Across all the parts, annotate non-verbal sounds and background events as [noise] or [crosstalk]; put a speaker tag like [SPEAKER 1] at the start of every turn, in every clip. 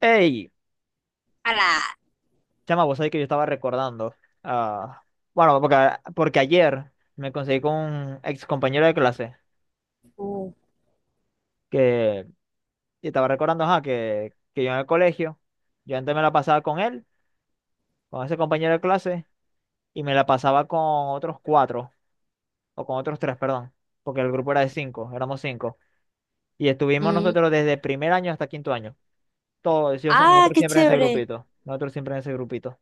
[SPEAKER 1] Ey,
[SPEAKER 2] Ala.
[SPEAKER 1] chama, vos sabés que yo estaba recordando. ah, bueno, porque ayer me conseguí con un ex compañero de clase
[SPEAKER 2] Uh,
[SPEAKER 1] que y estaba recordando, ajá, que yo en el colegio, yo antes me la pasaba con él, con ese compañero de clase, y me la pasaba con otros cuatro, o con otros tres, perdón, porque el grupo era de cinco, éramos cinco. Y estuvimos
[SPEAKER 2] mm.
[SPEAKER 1] nosotros desde primer año hasta quinto año. Todos,
[SPEAKER 2] Ah,
[SPEAKER 1] nosotros
[SPEAKER 2] qué
[SPEAKER 1] siempre en ese
[SPEAKER 2] chévere,
[SPEAKER 1] grupito, nosotros siempre en ese grupito,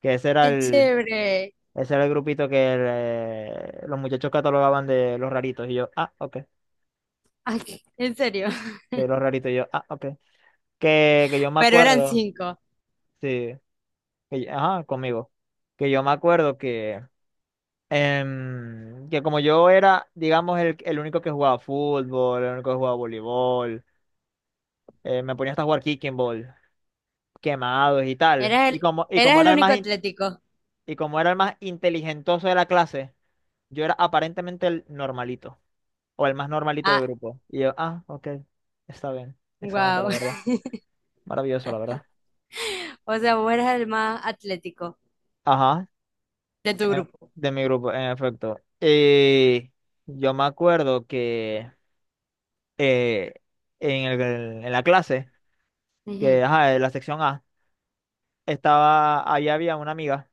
[SPEAKER 1] que ese era
[SPEAKER 2] qué
[SPEAKER 1] el,
[SPEAKER 2] chévere.
[SPEAKER 1] ese era el grupito que los muchachos catalogaban de los raritos. Y yo, ah, ok.
[SPEAKER 2] Ay, en serio. [laughs]
[SPEAKER 1] De los raritos. Y yo, ah, ok. Que yo me
[SPEAKER 2] Pero eran
[SPEAKER 1] acuerdo,
[SPEAKER 2] cinco.
[SPEAKER 1] sí. Ajá, conmigo. Que yo me acuerdo que, que como yo era, digamos, el único que jugaba fútbol, el único que jugaba voleibol, me ponía hasta a jugar kicking ball, quemados y tal.
[SPEAKER 2] Eras el,
[SPEAKER 1] Y como
[SPEAKER 2] eras el
[SPEAKER 1] era el
[SPEAKER 2] único
[SPEAKER 1] más,
[SPEAKER 2] atlético.
[SPEAKER 1] y como era el más inteligentoso de la clase, yo era aparentemente el normalito. O el más normalito del
[SPEAKER 2] Ah,
[SPEAKER 1] grupo. Y yo, ah, ok, está bien. Excelente, la
[SPEAKER 2] wow.
[SPEAKER 1] verdad.
[SPEAKER 2] [laughs]
[SPEAKER 1] Maravilloso, la verdad.
[SPEAKER 2] O sea, vos eras el más atlético
[SPEAKER 1] Ajá,
[SPEAKER 2] de tu
[SPEAKER 1] eh,
[SPEAKER 2] grupo.
[SPEAKER 1] de mi grupo, en efecto. Y yo me acuerdo que eh, en el- en la clase,
[SPEAKER 2] Ujú.
[SPEAKER 1] ajá, en la sección A, estaba, ahí había una amiga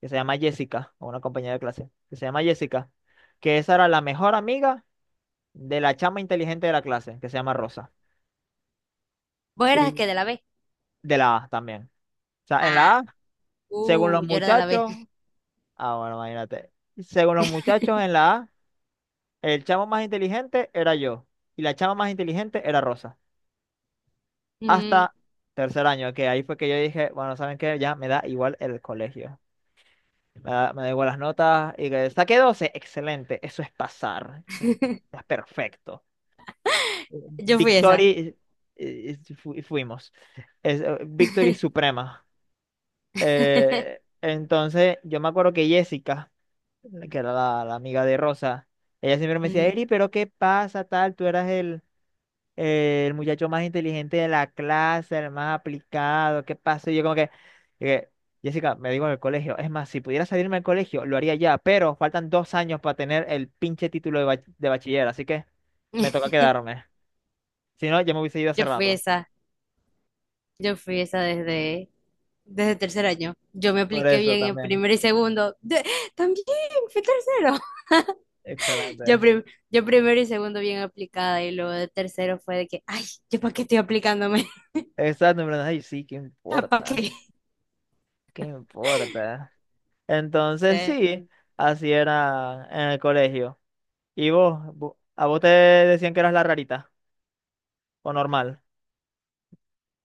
[SPEAKER 1] que se llama Jessica, o una compañera de clase, que se llama Jessica, que esa era la mejor amiga de la chama inteligente de la clase, que se llama Rosa.
[SPEAKER 2] Vos eras el
[SPEAKER 1] Y
[SPEAKER 2] que de la B.
[SPEAKER 1] de la A también. O sea, en
[SPEAKER 2] Ah,
[SPEAKER 1] la A, según
[SPEAKER 2] uh,
[SPEAKER 1] los
[SPEAKER 2] yo era de la B.
[SPEAKER 1] muchachos, ah, bueno, imagínate. Según los muchachos en la A, el chamo más inteligente era yo y la chama más inteligente era Rosa.
[SPEAKER 2] Mm.
[SPEAKER 1] Hasta tercer año, que ahí fue que yo dije, bueno, ¿saben qué? Ya me da igual el colegio. Me da igual las notas y que saqué 12, excelente, eso es pasar, eso es
[SPEAKER 2] [laughs]
[SPEAKER 1] perfecto.
[SPEAKER 2] Yo fui esa.
[SPEAKER 1] Victory, fuimos. Victory
[SPEAKER 2] [laughs]
[SPEAKER 1] suprema. Entonces, yo me acuerdo que Jessica que era la amiga de Rosa. Ella siempre me decía,
[SPEAKER 2] Ujú.
[SPEAKER 1] Eri, pero ¿qué pasa, tal? Tú eras el muchacho más inteligente de la clase, el más aplicado, ¿qué pasa? Y yo como que, Jessica, me digo en el colegio, es más, si pudiera salirme del colegio, lo haría ya, pero faltan dos años para tener el pinche título de, de bachiller, así que me toca
[SPEAKER 2] [laughs]
[SPEAKER 1] quedarme. Si no, ya me hubiese ido hace
[SPEAKER 2] Yo fui
[SPEAKER 1] rato.
[SPEAKER 2] esa. Yo fui esa desde, desde 3.er año. Yo me
[SPEAKER 1] Por
[SPEAKER 2] apliqué
[SPEAKER 1] eso
[SPEAKER 2] bien en
[SPEAKER 1] también.
[SPEAKER 2] primero y segundo. También fui tercero. [laughs] Yo,
[SPEAKER 1] Excelente.
[SPEAKER 2] prim- yo primero y segundo bien aplicada y luego de tercero fue de que, ay, ¿yo para qué estoy aplicándome?
[SPEAKER 1] Exacto, en verdad, ay, sí, ¿qué
[SPEAKER 2] [laughs] ¿Para
[SPEAKER 1] importa?
[SPEAKER 2] qué?
[SPEAKER 1] ¿Qué importa? Entonces
[SPEAKER 2] Sí.
[SPEAKER 1] sí, así era en el colegio. ¿Y vos? A vos te decían que eras la rarita o normal?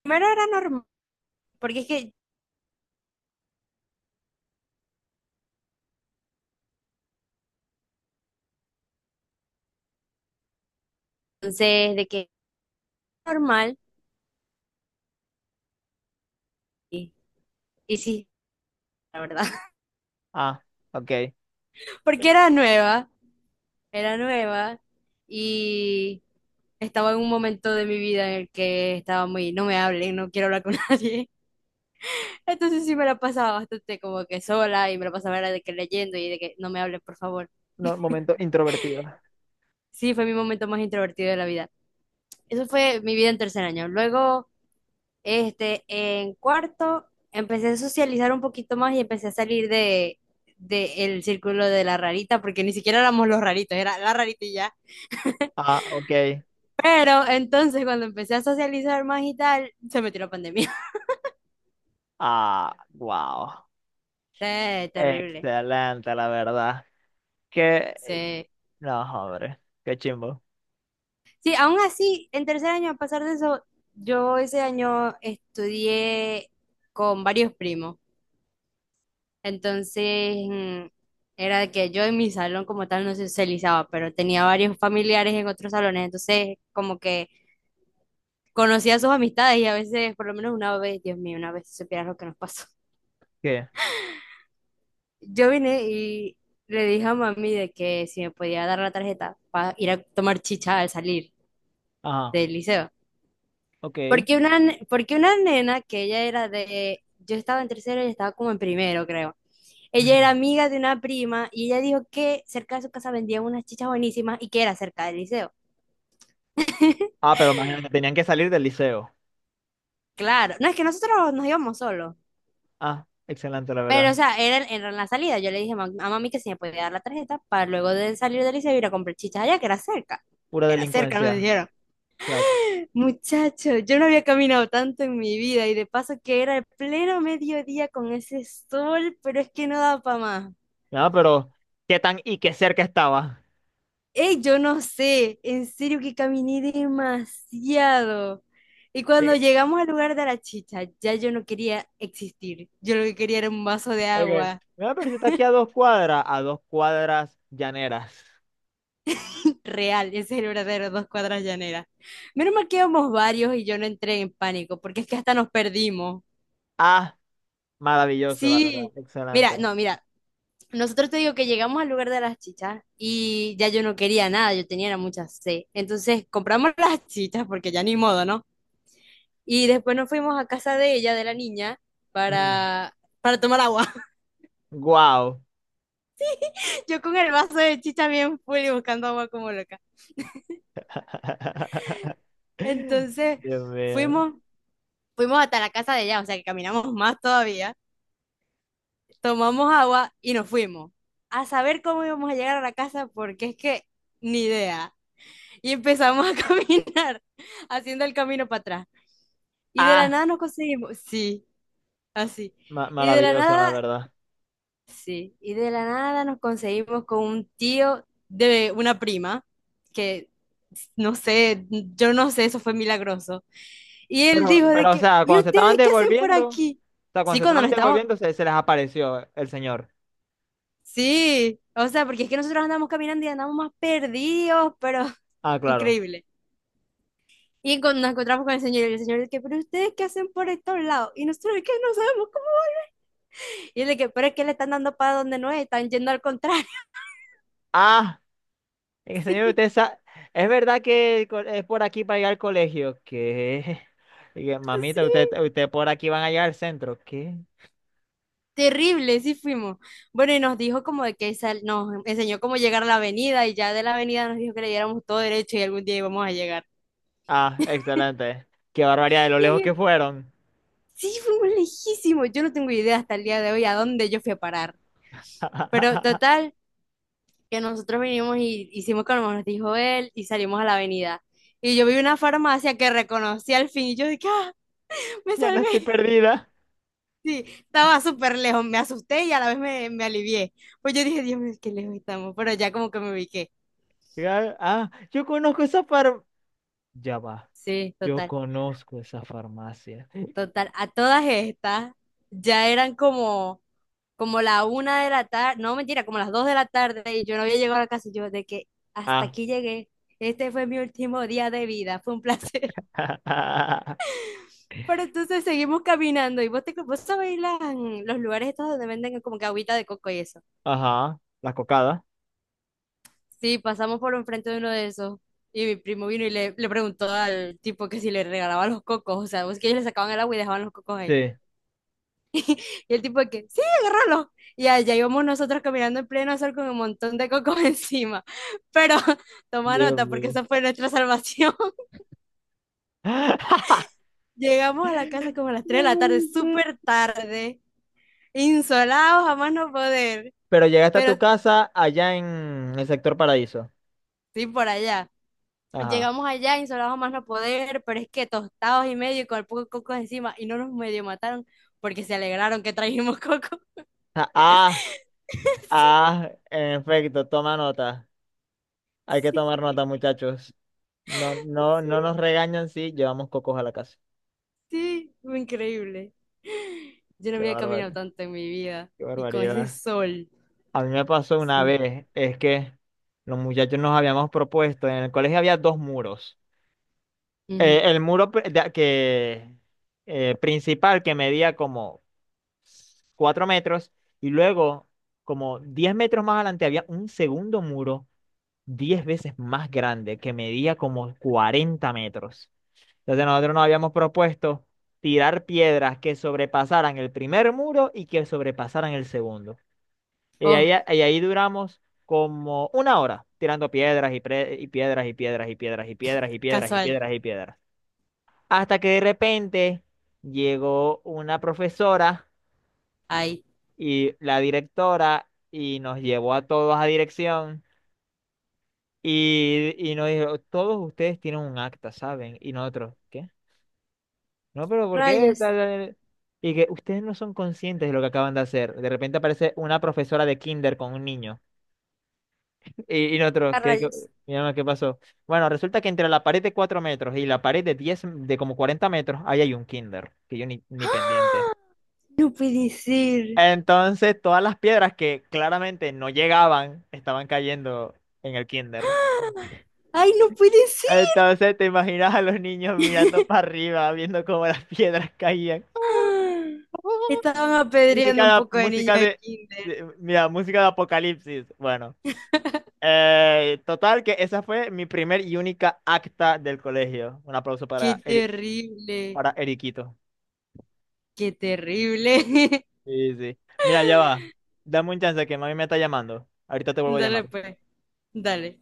[SPEAKER 2] Primero era normal, porque es que entonces de que normal, y, y sí, la verdad. [laughs]
[SPEAKER 1] Ah, ok.
[SPEAKER 2] Porque era nueva y estaba en un momento de mi vida en el que estaba muy, no me hablen, no quiero hablar con [laughs] nadie. Entonces sí me la pasaba bastante como que sola y me la pasaba era de que leyendo y de que no me hablen, por favor.
[SPEAKER 1] No, momento introvertido.
[SPEAKER 2] Sí, fue mi momento más introvertido de la vida. Eso fue mi vida en 3.er año. Luego, este, en cuarto, empecé a socializar un poquito más y empecé a salir de el círculo de la rarita, porque ni siquiera éramos los raritos, era la rarita y ya.
[SPEAKER 1] Ah, ok.
[SPEAKER 2] Pero entonces cuando empecé a socializar más y tal, se metió la pandemia. [laughs]
[SPEAKER 1] Ah, wow.
[SPEAKER 2] Sí, terrible.
[SPEAKER 1] Excelente, la verdad. Que,
[SPEAKER 2] Sí.
[SPEAKER 1] no, hombre, qué chimbo.
[SPEAKER 2] Sí, aún así, en 3.er año, a pesar de eso, yo ese año estudié con varios primos. Entonces, era de que yo en mi salón como tal no se socializaba, pero tenía varios familiares en otros salones. Entonces, como que conocía sus amistades y a veces, por lo menos una vez, Dios mío, una vez si supieras lo que nos pasó. [laughs]
[SPEAKER 1] ¿Qué?
[SPEAKER 2] Yo vine y le dije a mami de que si me podía dar la tarjeta para ir a tomar chicha al salir
[SPEAKER 1] Ajá,
[SPEAKER 2] del liceo.
[SPEAKER 1] ok.
[SPEAKER 2] Porque porque una nena que ella era de, yo estaba en tercero, ella estaba como en primero, creo. Ella era
[SPEAKER 1] Ujú.
[SPEAKER 2] amiga de una prima y ella dijo que cerca de su casa vendían unas chichas buenísimas y que era cerca del liceo.
[SPEAKER 1] Ah, pero imagínate, tenían que salir del liceo.
[SPEAKER 2] Claro, no es que nosotros nos íbamos solos,
[SPEAKER 1] Ah, excelente, la
[SPEAKER 2] pero
[SPEAKER 1] verdad.
[SPEAKER 2] o sea, era en la salida. Yo le dije a mami que si me podía dar la tarjeta para luego de salir del liceo ir a comprar chichas allá, que era cerca.
[SPEAKER 1] Pura
[SPEAKER 2] Era cerca, nos
[SPEAKER 1] delincuencia,
[SPEAKER 2] dijeron.
[SPEAKER 1] claro.
[SPEAKER 2] Muchacho, yo no había caminado tanto en mi vida y de paso que era el pleno mediodía con ese sol, pero es que no daba para más.
[SPEAKER 1] No, pero qué tan y qué cerca estaba.
[SPEAKER 2] Ey, yo no sé, en serio que caminé demasiado. Y cuando llegamos al lugar de la chicha, ya yo no quería existir. Yo lo que quería era un vaso de
[SPEAKER 1] Ok.
[SPEAKER 2] agua
[SPEAKER 1] Mira, pero si está aquí a dos cuadras llaneras.
[SPEAKER 2] real. Ese es el verdadero 2 cuadras llaneras. Menos mal que íbamos varios y yo no entré en pánico, porque es que hasta nos perdimos.
[SPEAKER 1] Ah, maravilloso, la verdad.
[SPEAKER 2] Sí, mira,
[SPEAKER 1] Excelente.
[SPEAKER 2] no, mira, nosotros te digo que llegamos al lugar de las chichas y ya yo no quería nada, yo tenía era mucha sed. Entonces compramos las chichas porque ya ni modo, ¿no? Y después nos fuimos a casa de ella, de la niña, para tomar agua.
[SPEAKER 1] Wow.
[SPEAKER 2] [laughs] Yo con el vaso de chicha bien full y buscando agua como loca.
[SPEAKER 1] [laughs]
[SPEAKER 2] Entonces
[SPEAKER 1] Dios mío.
[SPEAKER 2] fuimos, fuimos hasta la casa de ella, o sea que caminamos más todavía, tomamos agua y nos fuimos. A saber cómo íbamos a llegar a la casa, porque es que ni idea. Y empezamos a [laughs] caminar, haciendo el camino para atrás. Y de la
[SPEAKER 1] Ah,
[SPEAKER 2] nada nos conseguimos, sí, así. Y de la
[SPEAKER 1] maravilloso, la
[SPEAKER 2] nada
[SPEAKER 1] verdad.
[SPEAKER 2] Sí, y de la nada nos conseguimos con un tío de una prima, que no sé, yo no sé, eso fue milagroso. Y él dijo
[SPEAKER 1] Pero,
[SPEAKER 2] de
[SPEAKER 1] o
[SPEAKER 2] que,
[SPEAKER 1] sea,
[SPEAKER 2] ¿y
[SPEAKER 1] cuando se estaban
[SPEAKER 2] ustedes qué hacen por
[SPEAKER 1] devolviendo, o
[SPEAKER 2] aquí?
[SPEAKER 1] sea, cuando
[SPEAKER 2] Sí,
[SPEAKER 1] se estaban devolviendo, se les apareció el señor.
[SPEAKER 2] sí, o sea, porque es que nosotros andamos caminando y andamos más perdidos, pero [laughs]
[SPEAKER 1] Ah, claro.
[SPEAKER 2] increíble. Y cuando nos encontramos con el señor, y el señor de que, ¿pero ustedes qué hacen por estos lados? Y nosotros de que no sabemos cómo. Y él de que, pero es que le están dando para donde no es, están yendo al contrario.
[SPEAKER 1] ah Señor,
[SPEAKER 2] [laughs]
[SPEAKER 1] es verdad que es por aquí para llegar al colegio. ¿Qué? [laughs] Dije, Mamita,
[SPEAKER 2] Sí.
[SPEAKER 1] usted por aquí van a llegar al centro. ¿Qué?
[SPEAKER 2] Terrible, sí fuimos. Bueno, y nos dijo como de que nos enseñó cómo llegar a la avenida y ya de la avenida nos dijo que le diéramos todo derecho y algún día íbamos a llegar.
[SPEAKER 1] Ah, excelente. Qué barbaridad de lo
[SPEAKER 2] Y en
[SPEAKER 1] lejos que
[SPEAKER 2] el-
[SPEAKER 1] fueron.
[SPEAKER 2] sí, fuimos lejísimos. Yo no tengo idea hasta el día de hoy a dónde yo fui a parar. Pero
[SPEAKER 1] [laughs]
[SPEAKER 2] total, que nosotros vinimos y hicimos como nos dijo él y salimos a la avenida. Y yo vi una farmacia que reconocí al fin y yo dije, ah, me
[SPEAKER 1] Ya no
[SPEAKER 2] salvé.
[SPEAKER 1] estoy
[SPEAKER 2] [laughs]
[SPEAKER 1] perdida.
[SPEAKER 2] Sí, estaba súper lejos, me asusté y a la vez me alivié. Pues yo dije, Dios mío, qué lejos estamos, pero ya como que me ubiqué.
[SPEAKER 1] Ah, yo conozco esa far... Ya va.
[SPEAKER 2] Sí,
[SPEAKER 1] Yo
[SPEAKER 2] total.
[SPEAKER 1] conozco esa farmacia.
[SPEAKER 2] Total, a todas estas ya eran como, como la una de la tarde, no mentira, como las 2 de la tarde y yo no había llegado a la casa y yo de que hasta
[SPEAKER 1] Ah.
[SPEAKER 2] aquí llegué, este fue mi último día de vida, fue un placer.
[SPEAKER 1] [laughs]
[SPEAKER 2] [laughs] Pero entonces seguimos caminando y vos, vos sabés los lugares estos donde venden como que agüita de coco y eso.
[SPEAKER 1] Ajá. La cocada.
[SPEAKER 2] Sí, pasamos por enfrente de uno de esos y mi primo vino y le preguntó al tipo que si le regalaba los cocos, o sea, vos que ellos le sacaban el agua y dejaban los cocos ahí.
[SPEAKER 1] Sí.
[SPEAKER 2] Y el tipo de que, sí, agárralo. Y allá íbamos nosotros caminando en pleno sol con un montón de cocos [laughs] encima. Pero [laughs] toma
[SPEAKER 1] Dios
[SPEAKER 2] nota porque
[SPEAKER 1] mío.
[SPEAKER 2] esa fue nuestra salvación. [laughs]
[SPEAKER 1] [laughs]
[SPEAKER 2] Llegamos a la casa como a las
[SPEAKER 1] No
[SPEAKER 2] tres de la tarde,
[SPEAKER 1] puede ser.
[SPEAKER 2] súper tarde, insolados, jamás no poder.
[SPEAKER 1] Pero llegaste a tu
[SPEAKER 2] Pero
[SPEAKER 1] casa allá en el sector Paraíso.
[SPEAKER 2] sí, por allá.
[SPEAKER 1] Ajá.
[SPEAKER 2] Llegamos allá, insolados, jamás no poder, pero es que tostados y medio y con el poco de cocos encima. Y no nos medio mataron porque se alegraron que trajimos coco.
[SPEAKER 1] Ja, ah,
[SPEAKER 2] [laughs]
[SPEAKER 1] ah, en efecto, toma nota. Hay que
[SPEAKER 2] Sí,
[SPEAKER 1] tomar nota, muchachos. No, no, no
[SPEAKER 2] sí.
[SPEAKER 1] nos regañan si llevamos cocos a la casa.
[SPEAKER 2] Sí, fue increíble. Yo no
[SPEAKER 1] Qué
[SPEAKER 2] había caminado
[SPEAKER 1] bárbaro,
[SPEAKER 2] tanto en mi vida
[SPEAKER 1] qué
[SPEAKER 2] y con ese
[SPEAKER 1] barbaridad.
[SPEAKER 2] sol.
[SPEAKER 1] A mí me pasó una
[SPEAKER 2] Sí.
[SPEAKER 1] vez, es que los muchachos nos habíamos propuesto, en el colegio había dos muros.
[SPEAKER 2] Ujú.
[SPEAKER 1] El muro pri- de- que, principal que medía como 4 metros, y luego, como 10 metros más adelante, había un segundo muro 10 veces más grande que medía como 40 metros. Entonces nosotros nos habíamos propuesto tirar piedras que sobrepasaran el primer muro y que sobrepasaran el segundo. Y ahí,
[SPEAKER 2] Oh,
[SPEAKER 1] y ahí duramos como una hora tirando piedras y piedras y piedras y piedras y piedras y piedras y
[SPEAKER 2] casual.
[SPEAKER 1] piedras y piedras. Hasta que de repente llegó una profesora
[SPEAKER 2] Ay,
[SPEAKER 1] y la directora y nos llevó a todos a dirección y nos dijo, todos ustedes tienen un acta, ¿saben? Y nosotros, ¿qué? No, pero ¿por qué?
[SPEAKER 2] Rayas,
[SPEAKER 1] Tal, tal?". Y que ustedes no son conscientes de lo que acaban de hacer. De repente aparece una profesora de kinder con un niño. Y nosotros,
[SPEAKER 2] a
[SPEAKER 1] ¿qué, qué,
[SPEAKER 2] rayas.
[SPEAKER 1] mi alma, ¿qué pasó? Bueno, resulta que entre la pared de 4 metros y la pared de 10 de como 40 metros, ahí hay un kinder, que yo ni, ni pendiente.
[SPEAKER 2] ¡Ah! No puede ser.
[SPEAKER 1] Entonces, todas las piedras que claramente no llegaban estaban cayendo en el kinder.
[SPEAKER 2] ¡Ah! Ay, no puede ser.
[SPEAKER 1] Entonces, te imaginas a los niños mirando para
[SPEAKER 2] [laughs]
[SPEAKER 1] arriba, viendo cómo las piedras caían.
[SPEAKER 2] ¡Ah! Estaban
[SPEAKER 1] [laughs]
[SPEAKER 2] apedreando un poco de niños
[SPEAKER 1] Música
[SPEAKER 2] de
[SPEAKER 1] de,
[SPEAKER 2] kinder.
[SPEAKER 1] mira, música de apocalipsis. Bueno, total que esa fue mi primer y única acta del colegio. Un aplauso
[SPEAKER 2] Qué
[SPEAKER 1] para
[SPEAKER 2] terrible,
[SPEAKER 1] para Eriquito.
[SPEAKER 2] qué terrible.
[SPEAKER 1] Sí, sí. Mira, ya va. Dame un chance que mami me está llamando. Ahorita te
[SPEAKER 2] [laughs]
[SPEAKER 1] vuelvo a
[SPEAKER 2] Dale
[SPEAKER 1] llamar.
[SPEAKER 2] pues, dale.